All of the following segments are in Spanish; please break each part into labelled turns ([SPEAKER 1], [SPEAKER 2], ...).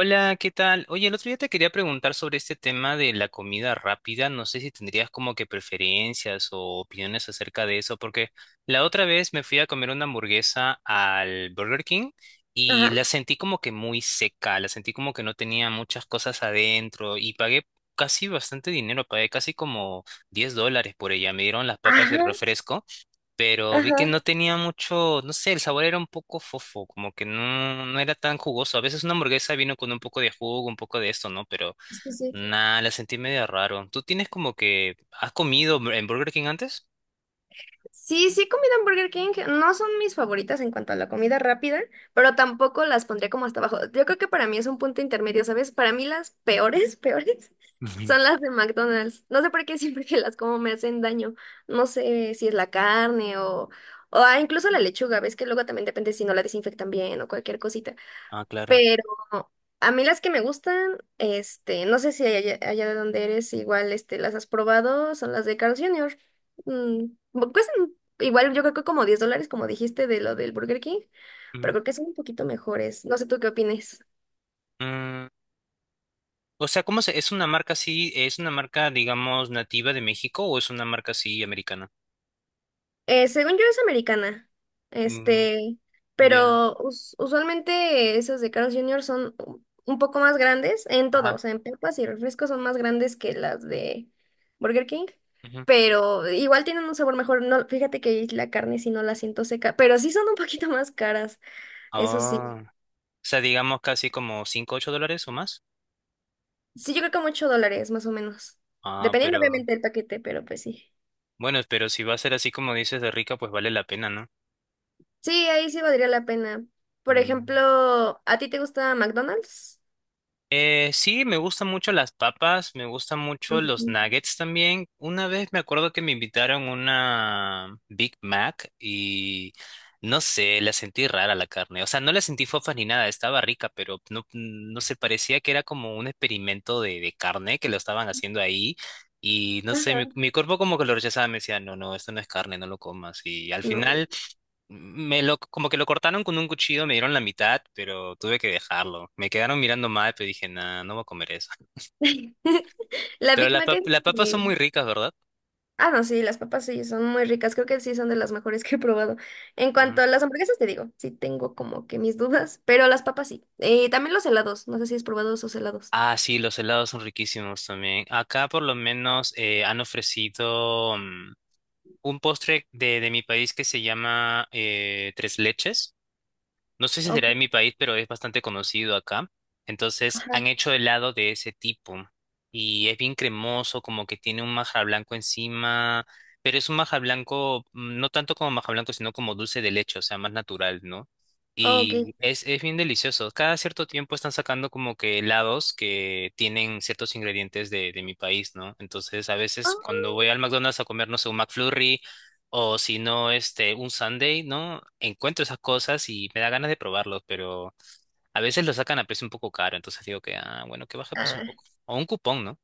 [SPEAKER 1] Hola, ¿qué tal? Oye, el otro día te quería preguntar sobre este tema de la comida rápida. No sé si tendrías como que preferencias o opiniones acerca de eso, porque la otra vez me fui a comer una hamburguesa al Burger King y
[SPEAKER 2] Ajá,
[SPEAKER 1] la sentí como que muy seca, la sentí como que no tenía muchas cosas adentro y pagué casi bastante dinero, pagué casi como $10 por ella. Me dieron las papas y el
[SPEAKER 2] ajá,
[SPEAKER 1] refresco, pero vi que
[SPEAKER 2] ajá.
[SPEAKER 1] no tenía mucho, no sé, el sabor era un poco fofo, como que no, no era tan jugoso. A veces una hamburguesa vino con un poco de jugo, un poco de esto, ¿no? Pero
[SPEAKER 2] Sí, sí.
[SPEAKER 1] nada, la sentí medio raro. ¿Tú tienes como que, has comido en Burger King antes?
[SPEAKER 2] Sí, sí he comido en Burger King. No son mis favoritas en cuanto a la comida rápida, pero tampoco las pondría como hasta abajo. Yo creo que para mí es un punto intermedio, ¿sabes? Para mí las peores, peores,
[SPEAKER 1] Ujú.
[SPEAKER 2] son las de McDonald's. No sé por qué siempre que las como me hacen daño. No sé si es la carne o incluso la lechuga. Ves que luego también depende si no la desinfectan bien o cualquier cosita.
[SPEAKER 1] Ah, claro.
[SPEAKER 2] Pero a mí las que me gustan, este, no sé si allá, allá de donde eres igual, este, las has probado, son las de Carl Jr. Mm, cuestan igual, yo creo que como $10, como dijiste de lo del Burger King, pero
[SPEAKER 1] Ujú.
[SPEAKER 2] creo que son un poquito mejores. No sé tú qué opines.
[SPEAKER 1] Mm, o sea, es una marca así, es una marca, digamos, nativa de México o es una marca así americana?
[SPEAKER 2] Según yo es americana,
[SPEAKER 1] Mm,
[SPEAKER 2] este,
[SPEAKER 1] ya.
[SPEAKER 2] pero usualmente esas de Carl's Jr. son un poco más grandes en todo, o
[SPEAKER 1] Ajá.
[SPEAKER 2] sea, en papas y refrescos son más grandes que las de Burger King,
[SPEAKER 1] Ujú.
[SPEAKER 2] pero igual tienen un sabor mejor. No, fíjate que la carne si no la siento seca, pero sí son un poquito más caras, eso sí.
[SPEAKER 1] Ah, o sea, digamos casi como 5 $8 o más.
[SPEAKER 2] Sí, yo creo que como $8 más o menos,
[SPEAKER 1] Ah,
[SPEAKER 2] dependiendo
[SPEAKER 1] pero.
[SPEAKER 2] obviamente del paquete, pero pues sí.
[SPEAKER 1] Bueno, pero si va a ser así como dices de rica, pues vale la pena, ¿no?
[SPEAKER 2] Sí, ahí sí valdría la pena. Por
[SPEAKER 1] Mm.
[SPEAKER 2] ejemplo, ¿a ti te gusta McDonald's?
[SPEAKER 1] Sí, me gustan mucho las papas, me gustan mucho los
[SPEAKER 2] Ujú.
[SPEAKER 1] nuggets también. Una vez me acuerdo que me invitaron una Big Mac y no sé, la sentí rara la carne. O sea, no la sentí fofa ni nada, estaba rica, pero no, no sé, parecía que era como un experimento de carne que lo estaban haciendo ahí. Y no sé, mi cuerpo como que lo rechazaba, me decía, no, no, esto no es carne, no lo comas. Y al
[SPEAKER 2] No.
[SPEAKER 1] final. Como que lo cortaron con un cuchillo, me dieron la mitad, pero tuve que dejarlo. Me quedaron mirando mal, pero dije, nah, no voy a comer eso.
[SPEAKER 2] La
[SPEAKER 1] Pero
[SPEAKER 2] Big
[SPEAKER 1] las
[SPEAKER 2] Mac es...
[SPEAKER 1] las papas
[SPEAKER 2] eh,
[SPEAKER 1] son muy ricas, ¿verdad?
[SPEAKER 2] Ah, no, sí, las papas sí, son muy ricas. Creo que sí son de las mejores que he probado. En
[SPEAKER 1] Mm.
[SPEAKER 2] cuanto a las hamburguesas, te digo, sí tengo como que mis dudas, pero las papas sí. También los helados, no sé si has probado esos helados.
[SPEAKER 1] Ah, sí, los helados son riquísimos también. Acá por lo menos han ofrecido un postre de mi país que se llama tres leches. No sé si
[SPEAKER 2] Ok,
[SPEAKER 1] será de mi país, pero es bastante conocido acá. Entonces, han
[SPEAKER 2] ajá,
[SPEAKER 1] hecho helado de ese tipo. Y es bien cremoso, como que tiene un maja blanco encima. Pero es un maja blanco, no tanto como maja blanco, sino como dulce de leche, o sea, más natural, ¿no?
[SPEAKER 2] ok.
[SPEAKER 1] Y es bien delicioso. Cada cierto tiempo están sacando como que helados que tienen ciertos ingredientes de mi país, ¿no? Entonces, a veces
[SPEAKER 2] Ah,
[SPEAKER 1] cuando voy al McDonald's a comer, no sé, un McFlurry. O si no, este, un Sunday, ¿no? Encuentro esas cosas y me da ganas de probarlos, pero a veces lo sacan a precio un poco caro, entonces digo que, ah, bueno, que baje el precio un
[SPEAKER 2] ah,
[SPEAKER 1] poco. O un cupón, ¿no?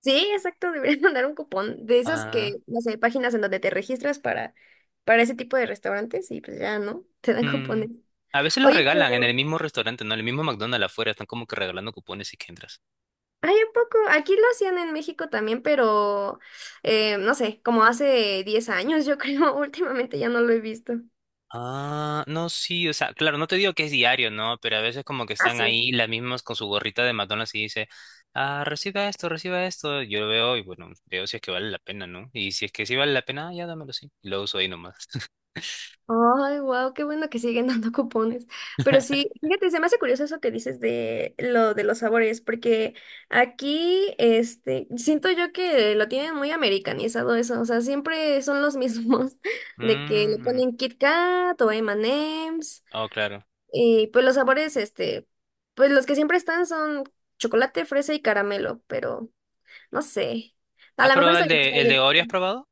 [SPEAKER 2] sí, exacto, deberían mandar un cupón de esas
[SPEAKER 1] Ah,
[SPEAKER 2] que, no sé, páginas en donde te registras para, ese tipo de restaurantes y pues ya, ¿no? Te dan
[SPEAKER 1] mm.
[SPEAKER 2] cupones.
[SPEAKER 1] A veces los
[SPEAKER 2] Oye,
[SPEAKER 1] regalan en el
[SPEAKER 2] pero...
[SPEAKER 1] mismo restaurante, ¿no? En el mismo McDonald's afuera, están como que regalando cupones y que entras.
[SPEAKER 2] Ay, ¿a poco? Aquí lo hacían en México también, pero no sé, como hace 10 años, yo creo, últimamente ya no lo he visto.
[SPEAKER 1] Ah, no, sí, o sea, claro, no te digo que es diario, ¿no? Pero a veces como que
[SPEAKER 2] Ah,
[SPEAKER 1] están
[SPEAKER 2] sí.
[SPEAKER 1] ahí las mismas con su gorrita de McDonald's y dice, ah, reciba esto, reciba esto. Yo lo veo y bueno, veo si es que vale la pena, ¿no? Y si es que sí vale la pena, ah, ya dámelo, sí. Y lo uso ahí nomás.
[SPEAKER 2] Ay, wow, qué bueno que siguen dando cupones. Pero sí, fíjate, se me hace curioso eso que dices de lo de los sabores, porque aquí, este, siento yo que lo tienen muy americanizado eso, o sea, siempre son los mismos, de que le
[SPEAKER 1] Mm,
[SPEAKER 2] ponen Kit Kat o M&M's.
[SPEAKER 1] oh, claro.
[SPEAKER 2] Y pues los sabores, este, pues los que siempre están son chocolate, fresa y caramelo, pero no sé. A
[SPEAKER 1] ¿Has
[SPEAKER 2] lo mejor
[SPEAKER 1] probado
[SPEAKER 2] está
[SPEAKER 1] el
[SPEAKER 2] que más fan
[SPEAKER 1] de, el de
[SPEAKER 2] del-
[SPEAKER 1] Oreo, has probado?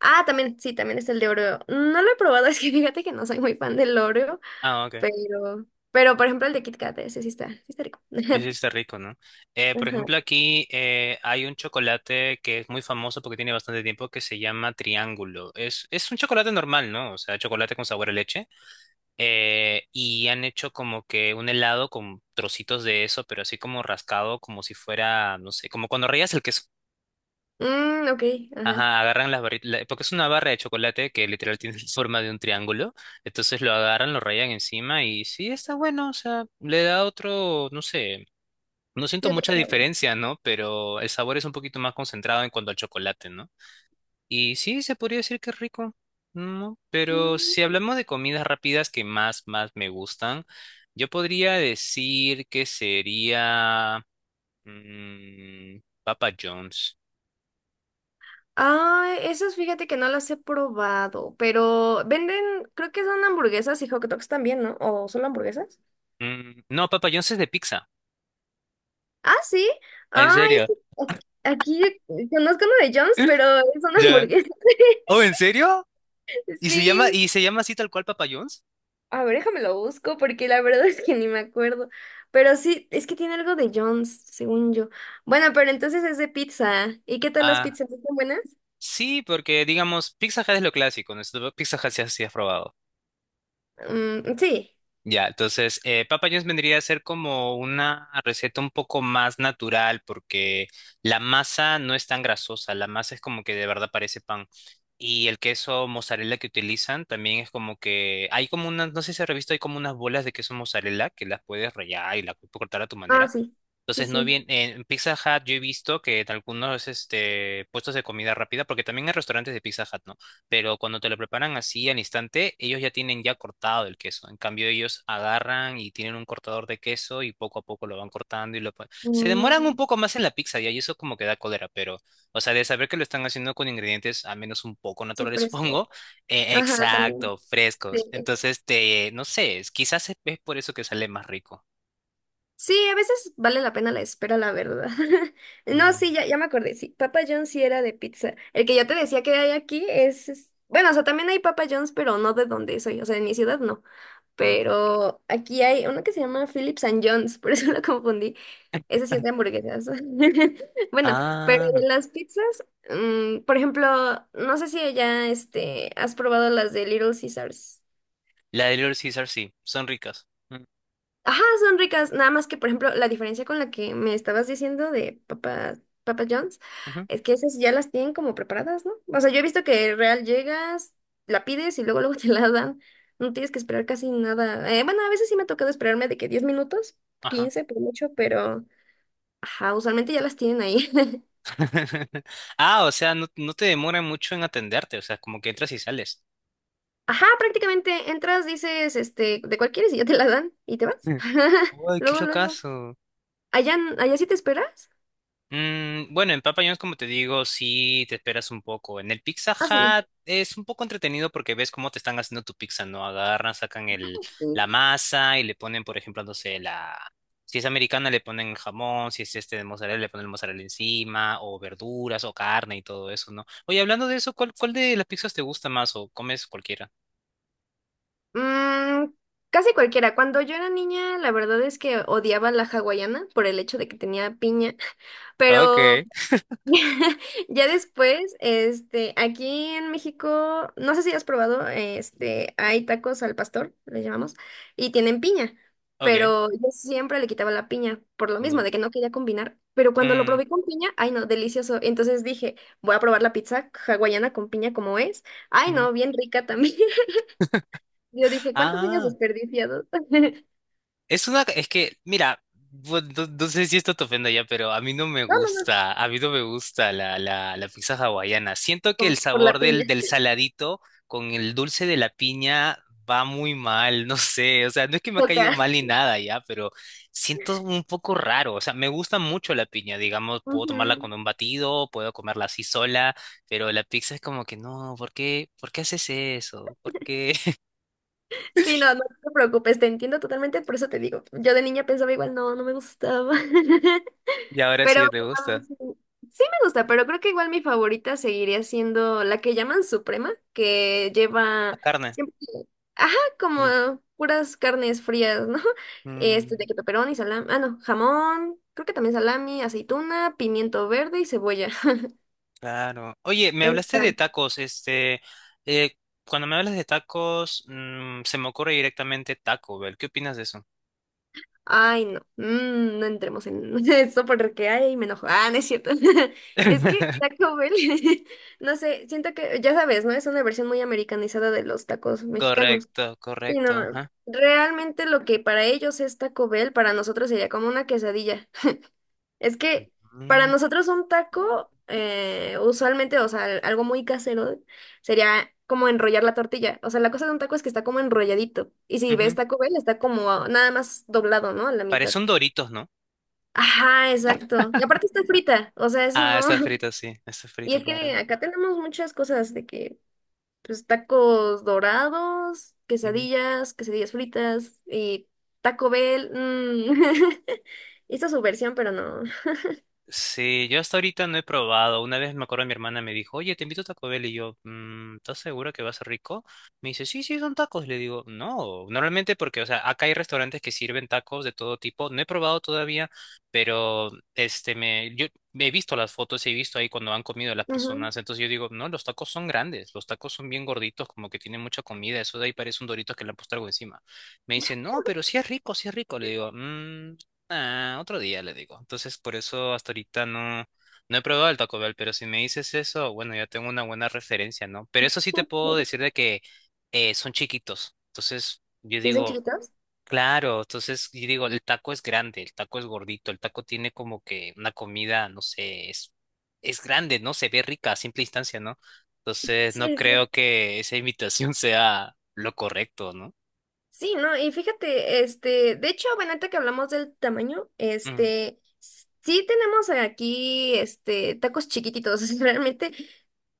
[SPEAKER 2] Ah, también, sí, también es el de Oreo. No lo he probado, es que fíjate que no soy muy fan del Oreo,
[SPEAKER 1] Ah, ok.
[SPEAKER 2] pero, pero por ejemplo el de Kit Kat, ese sí está rico.
[SPEAKER 1] Ese está rico, ¿no? Por
[SPEAKER 2] Ajá.
[SPEAKER 1] ejemplo, aquí hay un chocolate que es muy famoso porque tiene bastante tiempo que se llama Triángulo. Es un chocolate normal, ¿no? O sea, chocolate con sabor a leche, y han hecho como que un helado con trocitos de eso, pero así como rascado, como si fuera, no sé, como cuando rayas el queso.
[SPEAKER 2] Mm, ok, ajá.
[SPEAKER 1] Ajá, agarran las barritas, porque es una barra de chocolate que literal tiene forma de un triángulo, entonces lo agarran, lo rayan encima y sí, está bueno, o sea, le da otro, no sé, no
[SPEAKER 2] Sí,
[SPEAKER 1] siento
[SPEAKER 2] otro
[SPEAKER 1] mucha
[SPEAKER 2] sabor.
[SPEAKER 1] diferencia, ¿no? Pero el sabor es un poquito más concentrado en cuanto al chocolate, ¿no? Y sí, se podría decir que es rico, ¿no? Pero
[SPEAKER 2] Mm.
[SPEAKER 1] si hablamos de comidas rápidas que más, más me gustan, yo podría decir que sería mm, Papa John's.
[SPEAKER 2] Ah, esos fíjate que no las he probado, pero venden, creo que son hamburguesas y hot dogs también, ¿no? ¿O solo hamburguesas?
[SPEAKER 1] Mm, no, Papa John's es de pizza.
[SPEAKER 2] Ah, sí.
[SPEAKER 1] ¿En
[SPEAKER 2] Ay, es
[SPEAKER 1] serio?
[SPEAKER 2] que aquí conozco uno de Jones,
[SPEAKER 1] ¿Eh?
[SPEAKER 2] pero es una
[SPEAKER 1] Ya.
[SPEAKER 2] hamburguesa.
[SPEAKER 1] ¿Oh, en serio? ¿Y se llama,
[SPEAKER 2] Sí.
[SPEAKER 1] y se llama así tal cual Papa John's?
[SPEAKER 2] A ver, déjame lo busco porque la verdad es que ni me acuerdo. Pero sí, es que tiene algo de Jones, según yo. Bueno, pero entonces es de pizza. ¿Y qué tal las
[SPEAKER 1] Ah,
[SPEAKER 2] pizzas? ¿Están buenas?
[SPEAKER 1] sí, porque digamos, Pizza Hut es lo clásico, ¿no? Pizza Hut se ha probado.
[SPEAKER 2] Mm, sí.
[SPEAKER 1] Ya, entonces, papa vendría a ser como una receta un poco más natural porque la masa no es tan grasosa, la masa es como que de verdad parece pan. Y el queso mozzarella que utilizan también es como que hay como unas, no sé si has visto, hay como unas bolas de queso mozzarella que las puedes rallar y las puedes cortar a tu
[SPEAKER 2] Ah,
[SPEAKER 1] manera.
[SPEAKER 2] sí. Sí,
[SPEAKER 1] Entonces, no
[SPEAKER 2] sí.
[SPEAKER 1] bien, en Pizza Hut yo he visto que en algunos este, puestos de comida rápida, porque también hay restaurantes de Pizza Hut, ¿no? Pero cuando te lo preparan así al instante, ellos ya tienen ya cortado el queso. En cambio, ellos agarran y tienen un cortador de queso y poco a poco lo van cortando y se demoran un
[SPEAKER 2] Mm,
[SPEAKER 1] poco más en la pizza ya, y eso como que da cólera, pero, o sea, de saber que lo están haciendo con ingredientes al menos un poco
[SPEAKER 2] sí,
[SPEAKER 1] naturales,
[SPEAKER 2] frescos.
[SPEAKER 1] supongo.
[SPEAKER 2] Ajá, también.
[SPEAKER 1] Exacto,
[SPEAKER 2] Sí.
[SPEAKER 1] frescos. Entonces, no sé, quizás es por eso que sale más rico.
[SPEAKER 2] Sí, a veces vale la pena la espera, la verdad. No,
[SPEAKER 1] Mm,
[SPEAKER 2] sí, ya, ya me acordé, sí, Papa John's sí era de pizza. El que yo te decía que hay aquí bueno, o sea, también hay Papa John's, pero no de donde soy, o sea, en mi ciudad no.
[SPEAKER 1] mm.
[SPEAKER 2] Pero aquí hay uno que se llama Phillips and John's, por eso lo confundí. Ese sí es de hamburguesas. Bueno, pero
[SPEAKER 1] Ah,
[SPEAKER 2] de las pizzas, por ejemplo, no sé si ya, este, has probado las de Little Caesars.
[SPEAKER 1] la de Little Caesar sí, son ricas. Mm,
[SPEAKER 2] Ajá, son ricas. Nada más que, por ejemplo, la diferencia con la que me estabas diciendo de Papa John's
[SPEAKER 1] ujú,
[SPEAKER 2] es que esas ya las tienen como preparadas, ¿no? O sea, yo he visto que real llegas, la pides y luego luego te la dan. No tienes que esperar casi nada. Bueno, a veces sí me ha tocado esperarme de que 10 minutos,
[SPEAKER 1] ajá.
[SPEAKER 2] 15 por mucho, pero ajá, usualmente ya las tienen ahí.
[SPEAKER 1] Ah, o sea, no, no te demoran mucho en atenderte, o sea, como que entras y sales.
[SPEAKER 2] Ajá, prácticamente entras, dices, este, de cuál quieres y ya te la dan y te vas.
[SPEAKER 1] Mm. Uy, qué
[SPEAKER 2] Luego, luego.
[SPEAKER 1] locazo.
[SPEAKER 2] ¿Allá, allá sí te esperas?
[SPEAKER 1] Mm, bueno, en Papa John's, como te digo, sí te esperas un poco. En el Pizza
[SPEAKER 2] Ah, sí.
[SPEAKER 1] Hut es un poco entretenido porque ves cómo te están haciendo tu pizza, ¿no? Agarran, sacan
[SPEAKER 2] Sí.
[SPEAKER 1] la masa y le ponen, por ejemplo, no sé. Si es americana, le ponen jamón, si es este de mozzarella, le ponen mozzarella encima, o verduras, o carne y todo eso, ¿no? Oye, hablando de eso, ¿cuál de las pizzas te gusta más o comes cualquiera?
[SPEAKER 2] Mm, casi cualquiera. Cuando yo era niña, la verdad es que odiaba la hawaiana por el hecho de que tenía piña, pero
[SPEAKER 1] Okay,
[SPEAKER 2] ya después, este, aquí en México, no sé si has probado, este, hay tacos al pastor, le llamamos, y tienen piña,
[SPEAKER 1] okay,
[SPEAKER 2] pero yo siempre le quitaba la piña por lo mismo,
[SPEAKER 1] mm,
[SPEAKER 2] de que no quería combinar. Pero cuando lo
[SPEAKER 1] mm,
[SPEAKER 2] probé con piña, ay no, delicioso. Entonces dije, voy a probar la pizza hawaiana con piña como es. Ay
[SPEAKER 1] mm.
[SPEAKER 2] no, bien rica también. Yo dije, ¿cuántos años
[SPEAKER 1] Ah,
[SPEAKER 2] desperdiciados?
[SPEAKER 1] es una, es que, mira, no, no sé si esto te ofenda ya, pero a mí no me
[SPEAKER 2] No, no, no,
[SPEAKER 1] gusta, a mí no me gusta la pizza hawaiana. Siento que el
[SPEAKER 2] por la
[SPEAKER 1] sabor del,
[SPEAKER 2] piña,
[SPEAKER 1] del
[SPEAKER 2] te
[SPEAKER 1] saladito con el dulce de la piña va muy mal, no sé, o sea, no es que me ha caído
[SPEAKER 2] toca.
[SPEAKER 1] mal ni nada ya, pero siento un poco raro, o sea, me gusta mucho la piña, digamos, puedo tomarla
[SPEAKER 2] Ujú.
[SPEAKER 1] con un batido, puedo comerla así sola, pero la pizza es como que no, por qué haces eso? ¿Por qué?
[SPEAKER 2] Sí, no, no te preocupes, te entiendo totalmente, por eso te digo. Yo de niña pensaba igual, no, no me gustaba.
[SPEAKER 1] Y ahora
[SPEAKER 2] Pero
[SPEAKER 1] sí te gusta.
[SPEAKER 2] sí, sí me gusta, pero creo que igual mi favorita seguiría siendo la que llaman Suprema, que
[SPEAKER 1] La
[SPEAKER 2] lleva
[SPEAKER 1] carne.
[SPEAKER 2] siempre, ajá, como
[SPEAKER 1] Mm.
[SPEAKER 2] puras carnes frías, ¿no? Este,
[SPEAKER 1] Mm.
[SPEAKER 2] de queso y salami, ah, no, jamón, creo que también salami, aceituna, pimiento verde y cebolla.
[SPEAKER 1] Claro. Oye, me hablaste
[SPEAKER 2] Está...
[SPEAKER 1] de tacos, este, eh, cuando me hablas de tacos, se me ocurre directamente Taco Bell. ¿Qué opinas de eso?
[SPEAKER 2] Ay, no, no entremos en eso porque ay, me enojo. Ah, no es cierto. Es que Taco Bell, no sé, siento que, ya sabes, ¿no? Es una versión muy americanizada de los tacos mexicanos.
[SPEAKER 1] Correcto,
[SPEAKER 2] Sí,
[SPEAKER 1] correcto,
[SPEAKER 2] no,
[SPEAKER 1] ajá.
[SPEAKER 2] realmente lo que para ellos es Taco Bell, para nosotros sería como una quesadilla. Es que para
[SPEAKER 1] Mm,
[SPEAKER 2] nosotros un taco, usualmente, o sea, algo muy casero, sería como enrollar la tortilla. O sea, la cosa de un taco es que está como enrolladito. Y si ves
[SPEAKER 1] ujú.
[SPEAKER 2] Taco Bell, está como nada más doblado, ¿no? A la mitad.
[SPEAKER 1] Parece un Doritos, ¿no?
[SPEAKER 2] Ajá, exacto. Y aparte está frita, o sea, eso
[SPEAKER 1] Ah,
[SPEAKER 2] no.
[SPEAKER 1] está frito, sí, está
[SPEAKER 2] Y
[SPEAKER 1] frito,
[SPEAKER 2] es
[SPEAKER 1] claro.
[SPEAKER 2] que acá tenemos muchas cosas de que, pues, tacos dorados, quesadillas, quesadillas fritas y Taco Bell. Mm. Hizo su versión, pero no.
[SPEAKER 1] Sí, yo hasta ahorita no he probado. Una vez me acuerdo, mi hermana me dijo, oye, te invito a Taco Bell. Y yo, ¿Estás segura que va a ser rico? Me dice, sí, sí, son tacos. Le digo, no, normalmente porque, o sea, acá hay restaurantes que sirven tacos de todo tipo. No he probado todavía, pero este, yo he visto las fotos, he visto ahí cuando han comido las
[SPEAKER 2] Ujú.
[SPEAKER 1] personas. Entonces yo digo, no, los tacos son grandes, los tacos son bien gorditos, como que tienen mucha comida. Eso de ahí parece un dorito que le han puesto algo encima. Me dice, no, pero sí es rico, sí es rico. Le digo, Ah, otro día le digo. Entonces, por eso hasta ahorita no, no he probado el Taco Bell, pero si me dices eso, bueno, ya tengo una buena referencia, ¿no? Pero eso sí te puedo decir de que son chiquitos. Entonces, yo
[SPEAKER 2] ¿Dicen
[SPEAKER 1] digo,
[SPEAKER 2] chiquitos?
[SPEAKER 1] claro, entonces, yo digo, el taco es grande, el taco es gordito, el taco tiene como que una comida, no sé, es grande, ¿no? Se ve rica a simple instancia, ¿no? Entonces, no
[SPEAKER 2] Sí, sí.
[SPEAKER 1] creo que esa imitación sea lo correcto, ¿no?
[SPEAKER 2] Sí, no, y fíjate, este, de hecho, bueno, ahorita que hablamos del tamaño,
[SPEAKER 1] Mm.
[SPEAKER 2] este, sí tenemos aquí, este, tacos chiquititos, realmente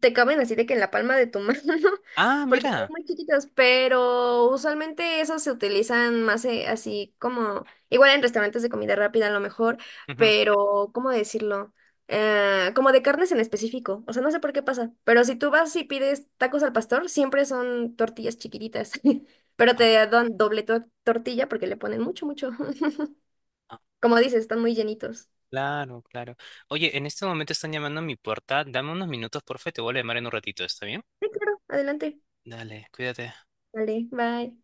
[SPEAKER 2] te caben así de que en la palma de tu mano,
[SPEAKER 1] Ah,
[SPEAKER 2] porque son
[SPEAKER 1] mira.
[SPEAKER 2] muy chiquitos, pero usualmente esos se utilizan más así como, igual en restaurantes de comida rápida a lo mejor,
[SPEAKER 1] Ujú.
[SPEAKER 2] pero, ¿cómo decirlo? Como de carnes en específico, o sea, no sé por qué pasa, pero si tú vas y pides tacos al pastor, siempre son tortillas chiquititas. Pero te dan doble tortilla porque le ponen mucho, mucho. Como dices, están muy llenitos.
[SPEAKER 1] Claro, claro. Oye, en este momento están llamando a mi puerta. Dame unos minutos, porfa, y te vuelvo a llamar en un ratito, ¿está bien?
[SPEAKER 2] Sí, claro, adelante.
[SPEAKER 1] Dale, cuídate.
[SPEAKER 2] Vale, bye.